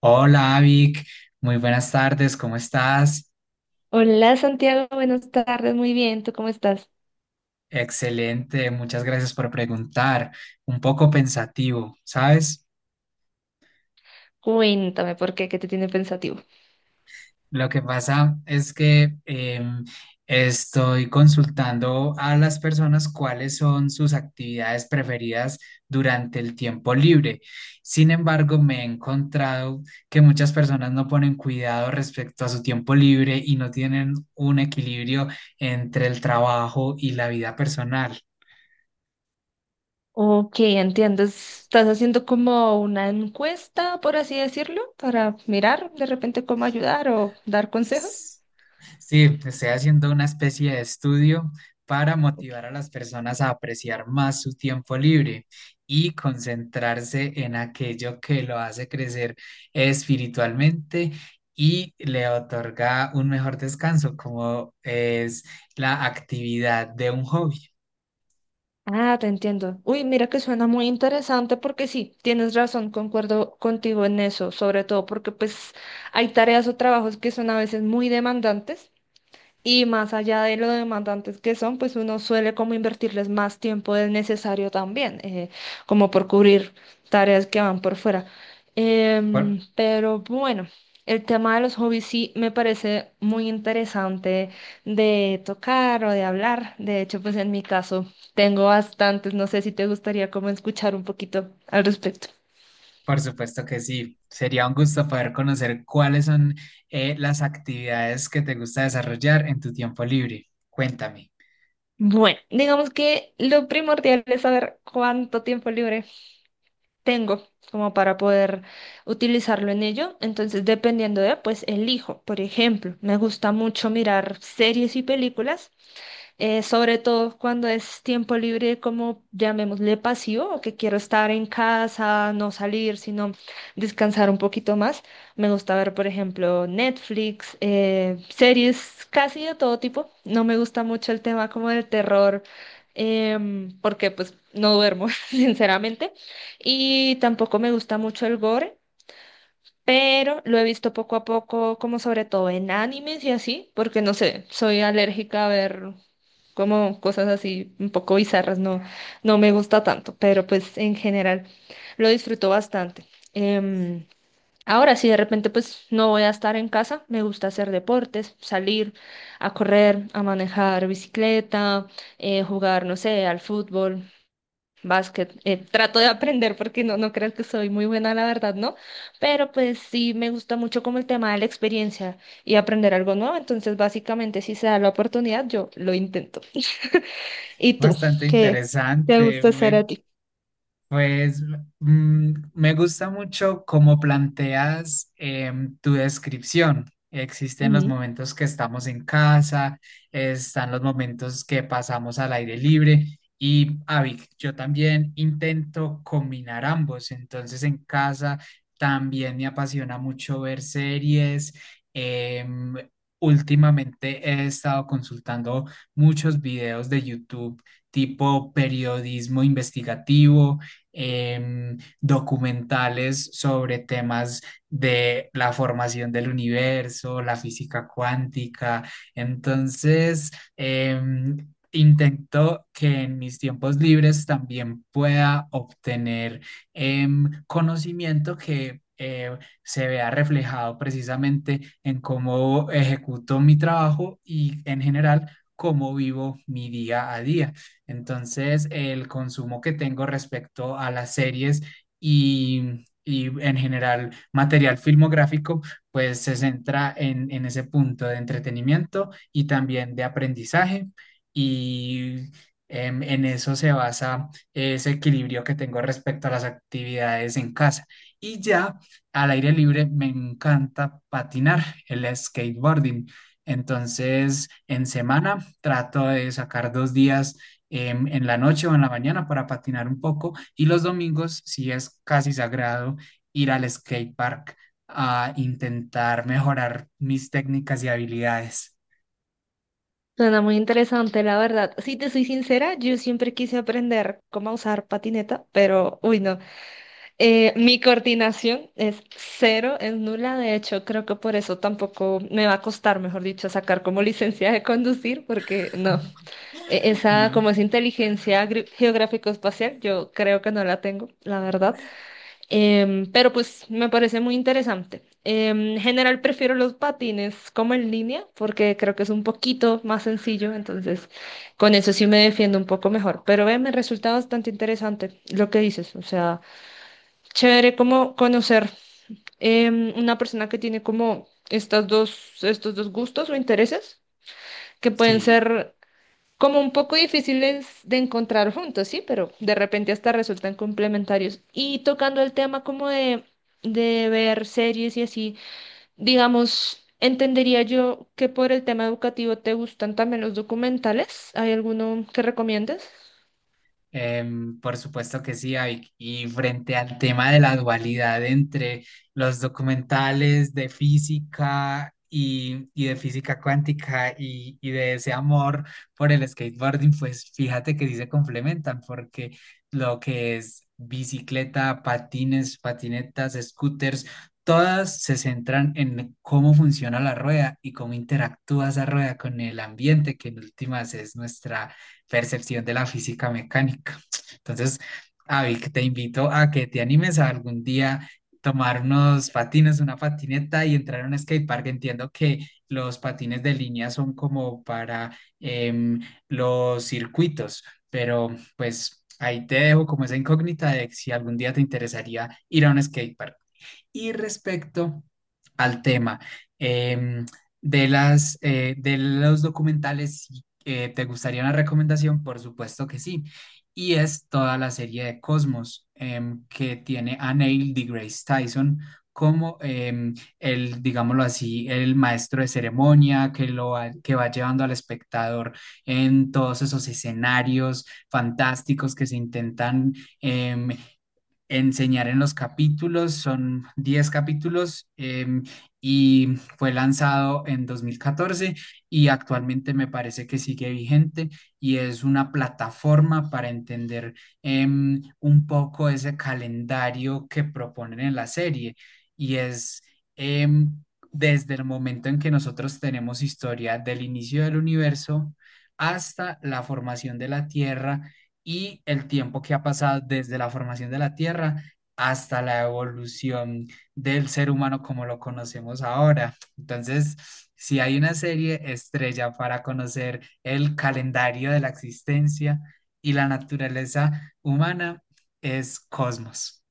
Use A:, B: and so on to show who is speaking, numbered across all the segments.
A: Hola, Avic. Muy buenas tardes. ¿Cómo estás?
B: Hola Santiago, buenas tardes, muy bien, ¿tú cómo estás?
A: Excelente. Muchas gracias por preguntar. Un poco pensativo, ¿sabes?
B: Cuéntame por qué, qué te tiene pensativo.
A: Lo que pasa es que estoy consultando a las personas cuáles son sus actividades preferidas durante el tiempo libre. Sin embargo, me he encontrado que muchas personas no ponen cuidado respecto a su tiempo libre y no tienen un equilibrio entre el trabajo y la vida personal.
B: Ok, entiendo, estás haciendo como una encuesta, por así decirlo, para mirar de repente cómo ayudar o dar consejos.
A: Sí, estoy haciendo una especie de estudio para motivar
B: Ok.
A: a las personas a apreciar más su tiempo libre y concentrarse en aquello que lo hace crecer espiritualmente y le otorga un mejor descanso, como es la actividad de un hobby.
B: Ah, te entiendo. Uy, mira que suena muy interesante porque sí, tienes razón, concuerdo contigo en eso, sobre todo porque pues hay tareas o trabajos que son a veces muy demandantes. Y más allá de lo demandantes que son, pues uno suele como invertirles más tiempo del necesario también, como por cubrir tareas que van por fuera.
A: Por,
B: Pero bueno, el tema de los hobbies sí me parece muy interesante de tocar o de hablar. De hecho, pues en mi caso tengo bastantes, no sé si te gustaría como escuchar un poquito al respecto.
A: por supuesto que sí. Sería un gusto poder conocer cuáles son las actividades que te gusta desarrollar en tu tiempo libre. Cuéntame.
B: Bueno, digamos que lo primordial es saber cuánto tiempo libre tengo como para poder utilizarlo en ello. Entonces, dependiendo de, pues elijo. Por ejemplo, me gusta mucho mirar series y películas, sobre todo cuando es tiempo libre, como llamémosle pasivo, o que quiero estar en casa, no salir, sino descansar un poquito más. Me gusta ver, por ejemplo, Netflix, series casi de todo tipo. No me gusta mucho el tema como del terror. Porque pues no duermo, sinceramente, y tampoco me gusta mucho el gore, pero lo he visto poco a poco, como sobre todo en animes y así, porque no sé, soy alérgica a ver como cosas así un poco bizarras, no, no me gusta tanto, pero pues en general lo disfruto bastante. Em, Ahora, si de repente pues no voy a estar en casa, me gusta hacer deportes, salir a correr, a manejar bicicleta, jugar, no sé, al fútbol. Básquet, eh, trato de aprender porque no creo que soy muy buena, la verdad, ¿no? Pero pues sí me gusta mucho como el tema de la experiencia y aprender algo nuevo. Entonces, básicamente, si se da la oportunidad, yo lo intento. ¿Y tú?
A: Bastante
B: ¿Qué te
A: interesante.
B: gusta hacer a ti?
A: Pues me gusta mucho cómo planteas tu descripción. Existen los
B: Ujú.
A: momentos que estamos en casa, están los momentos que pasamos al aire libre y, Avic, yo también intento combinar ambos. Entonces, en casa también me apasiona mucho ver series. em, Últimamente he estado consultando muchos videos de YouTube tipo periodismo investigativo, documentales sobre temas de la formación del universo, la física cuántica. Entonces, em, intento que en mis tiempos libres también pueda obtener conocimiento que se vea reflejado precisamente en cómo ejecuto mi trabajo y en general cómo vivo mi día a día. Entonces, el consumo que tengo respecto a las series y en general material filmográfico, pues se centra en ese punto de entretenimiento y también de aprendizaje. Y en eso se basa ese equilibrio que tengo respecto a las actividades en casa. Y ya al aire libre me encanta patinar, el skateboarding. Entonces, en semana trato de sacar 2 días, en la noche o en la mañana, para patinar un poco, y los domingos sí es casi sagrado ir al skate park a intentar mejorar mis técnicas y habilidades.
B: Suena muy interesante, la verdad. Si te soy sincera, yo siempre quise aprender cómo usar patineta, pero, uy, no. Mi coordinación es cero, es nula. De hecho, creo que por eso tampoco me va a costar, mejor dicho, sacar como licencia de conducir, porque no. E- Esa, como
A: ¿No?
B: es inteligencia geográfico-espacial, yo creo que no la tengo, la verdad. Pero pues me parece muy interesante. En general prefiero los patines como en línea porque creo que es un poquito más sencillo, entonces con eso sí me defiendo un poco mejor. Pero me resulta bastante interesante lo que dices, o sea, chévere como conocer em, una persona que tiene como estas estos dos gustos o intereses que pueden
A: Sí.
B: ser como un poco difíciles de encontrar juntos, sí, pero de repente hasta resultan complementarios. Y tocando el tema como de ver series y así, digamos, entendería yo que por el tema educativo te gustan también los documentales. ¿Hay alguno que recomiendes?
A: Por supuesto que sí, Avic. Y frente al tema de la dualidad entre los documentales de física y de física cuántica y de ese amor por el skateboarding, pues fíjate que sí se complementan porque lo que es bicicleta, patines, patinetas, scooters, todas se centran en cómo funciona la rueda y cómo interactúa esa rueda con el ambiente, que en últimas es nuestra percepción de la física mecánica. Entonces, Avi, te invito a que te animes a algún día tomar unos patines, una patineta y entrar a un skatepark. Entiendo que los patines de línea son como para los circuitos, pero pues ahí te dejo como esa incógnita de si algún día te interesaría ir a un skatepark. Y respecto al tema, em, de los documentales, si, ¿te gustaría una recomendación? Por supuesto que sí. Y es toda la serie de Cosmos, que tiene a Neil deGrasse Tyson como, el, digámoslo así, el maestro de ceremonia que va llevando al espectador en todos esos escenarios fantásticos que se intentan em, enseñar en los capítulos. Son 10 capítulos, y fue lanzado en 2014 y actualmente me parece que sigue vigente, y es una plataforma para entender un poco ese calendario que proponen en la serie. y es... em, Desde el momento en que nosotros tenemos historia del inicio del universo hasta la formación de la Tierra, y el tiempo que ha pasado desde la formación de la Tierra hasta la evolución del ser humano como lo conocemos ahora. Entonces, si hay una serie estrella para conocer el calendario de la existencia y la naturaleza humana, es Cosmos.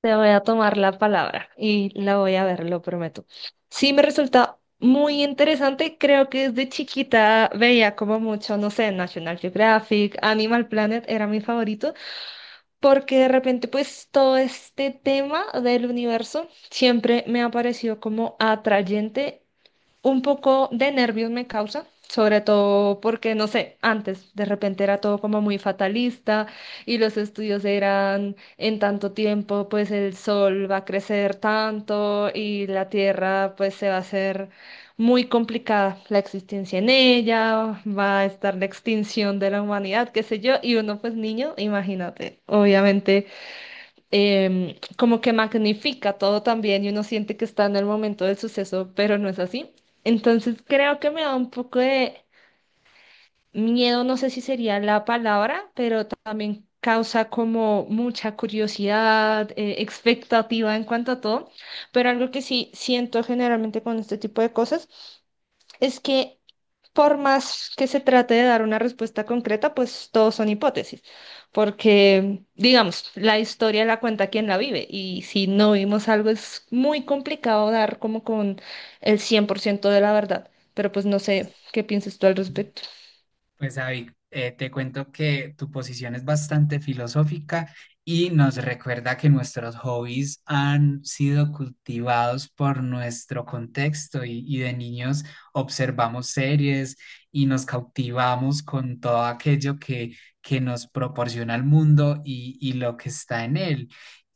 B: Te voy a tomar la palabra y la voy a ver, lo prometo. Sí, me resulta muy interesante. Creo que desde chiquita veía como mucho, no sé, National Geographic, Animal Planet era mi favorito, porque de repente pues todo este tema del universo siempre me ha parecido como atrayente, un poco de nervios me causa, sobre todo porque, no sé, antes de repente era todo como muy fatalista y los estudios eran en tanto tiempo, pues el sol va a crecer tanto y la tierra pues se va a hacer muy complicada la existencia en ella, va a estar la extinción de la humanidad, qué sé yo, y uno pues niño, imagínate, obviamente em, como que magnifica todo también y uno siente que está en el momento del suceso, pero no es así. Entonces creo que me da un poco de miedo, no sé si sería la palabra, pero también causa como mucha curiosidad, expectativa en cuanto a todo. Pero algo que sí siento generalmente con este tipo de cosas es que por más que se trate de dar una respuesta concreta, pues todos son hipótesis, porque, digamos, la historia la cuenta quien la vive y si no vimos algo es muy complicado dar como con el 100% de la verdad, pero pues no sé qué piensas tú al respecto.
A: Pues, David, te cuento que tu posición es bastante filosófica y nos recuerda que nuestros hobbies han sido cultivados por nuestro contexto, y de niños observamos series y nos cautivamos con todo aquello que nos proporciona el mundo y lo que está en él,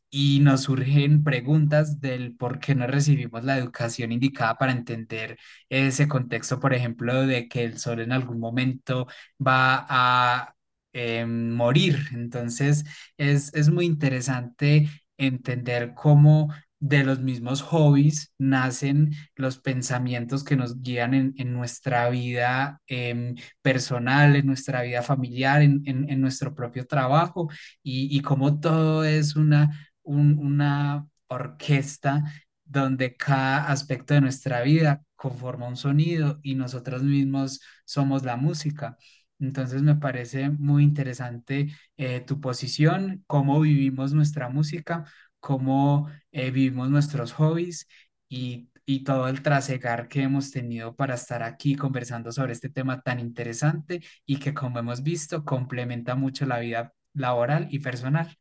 A: y nos surgen preguntas del por qué no recibimos la educación indicada para entender ese contexto, por ejemplo, de que el sol en algún momento va a morir. Entonces, es muy interesante entender cómo de los mismos hobbies nacen los pensamientos que nos guían en nuestra vida personal, en nuestra vida familiar, en nuestro propio trabajo, y cómo todo es una orquesta donde cada aspecto de nuestra vida conforma un sonido y nosotros mismos somos la música. Entonces me parece muy interesante tu posición, cómo vivimos nuestra música, cómo vivimos nuestros hobbies, y todo el trasegar que hemos tenido para estar aquí conversando sobre este tema tan interesante y que, como hemos visto, complementa mucho la vida laboral y personal.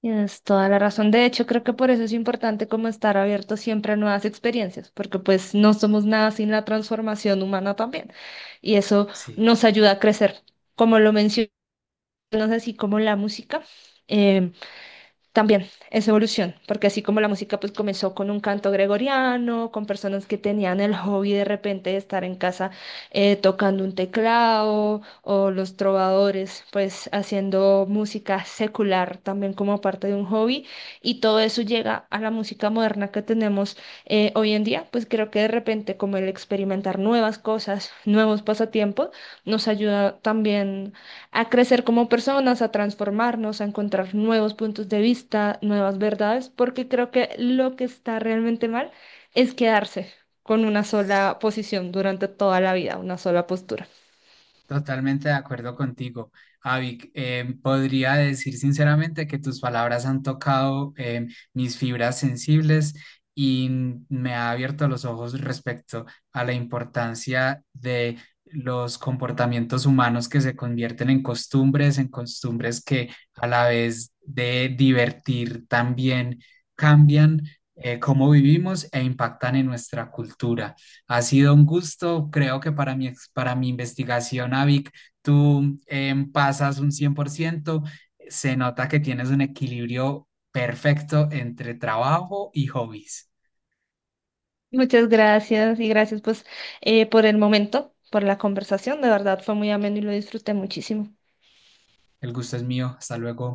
B: Tienes toda la razón. De hecho, creo que por eso es importante como estar abierto siempre a nuevas experiencias, porque pues no somos nada sin la transformación humana también y eso
A: Sí.
B: nos ayuda a crecer. Como lo mencioné, así como la música, eh, también es evolución, porque así como la música pues comenzó con un canto gregoriano, con personas que tenían el hobby de repente de estar en casa tocando un teclado, o los trovadores pues haciendo música secular también como parte de un hobby, y todo eso llega a la música moderna que tenemos hoy en día, pues creo que de repente como el experimentar nuevas cosas, nuevos pasatiempos, nos ayuda también a crecer como personas, a transformarnos, a encontrar nuevos puntos de vista, nuevas verdades, porque creo que lo que está realmente mal es quedarse con una sola posición durante toda la vida, una sola postura.
A: Totalmente de acuerdo contigo, Avic. Podría decir sinceramente que tus palabras han tocado, mis fibras sensibles, y me ha abierto los ojos respecto a la importancia de los comportamientos humanos que se convierten en costumbres que a la vez de divertir también cambian cómo vivimos e impactan en nuestra cultura. Ha sido un gusto. Creo que para mi investigación, Avic, tú, pasas un 100%. Se nota que tienes un equilibrio perfecto entre trabajo y hobbies.
B: Muchas gracias y gracias pues por el momento, por la conversación. De verdad fue muy ameno y lo disfruté muchísimo.
A: El gusto es mío, hasta luego.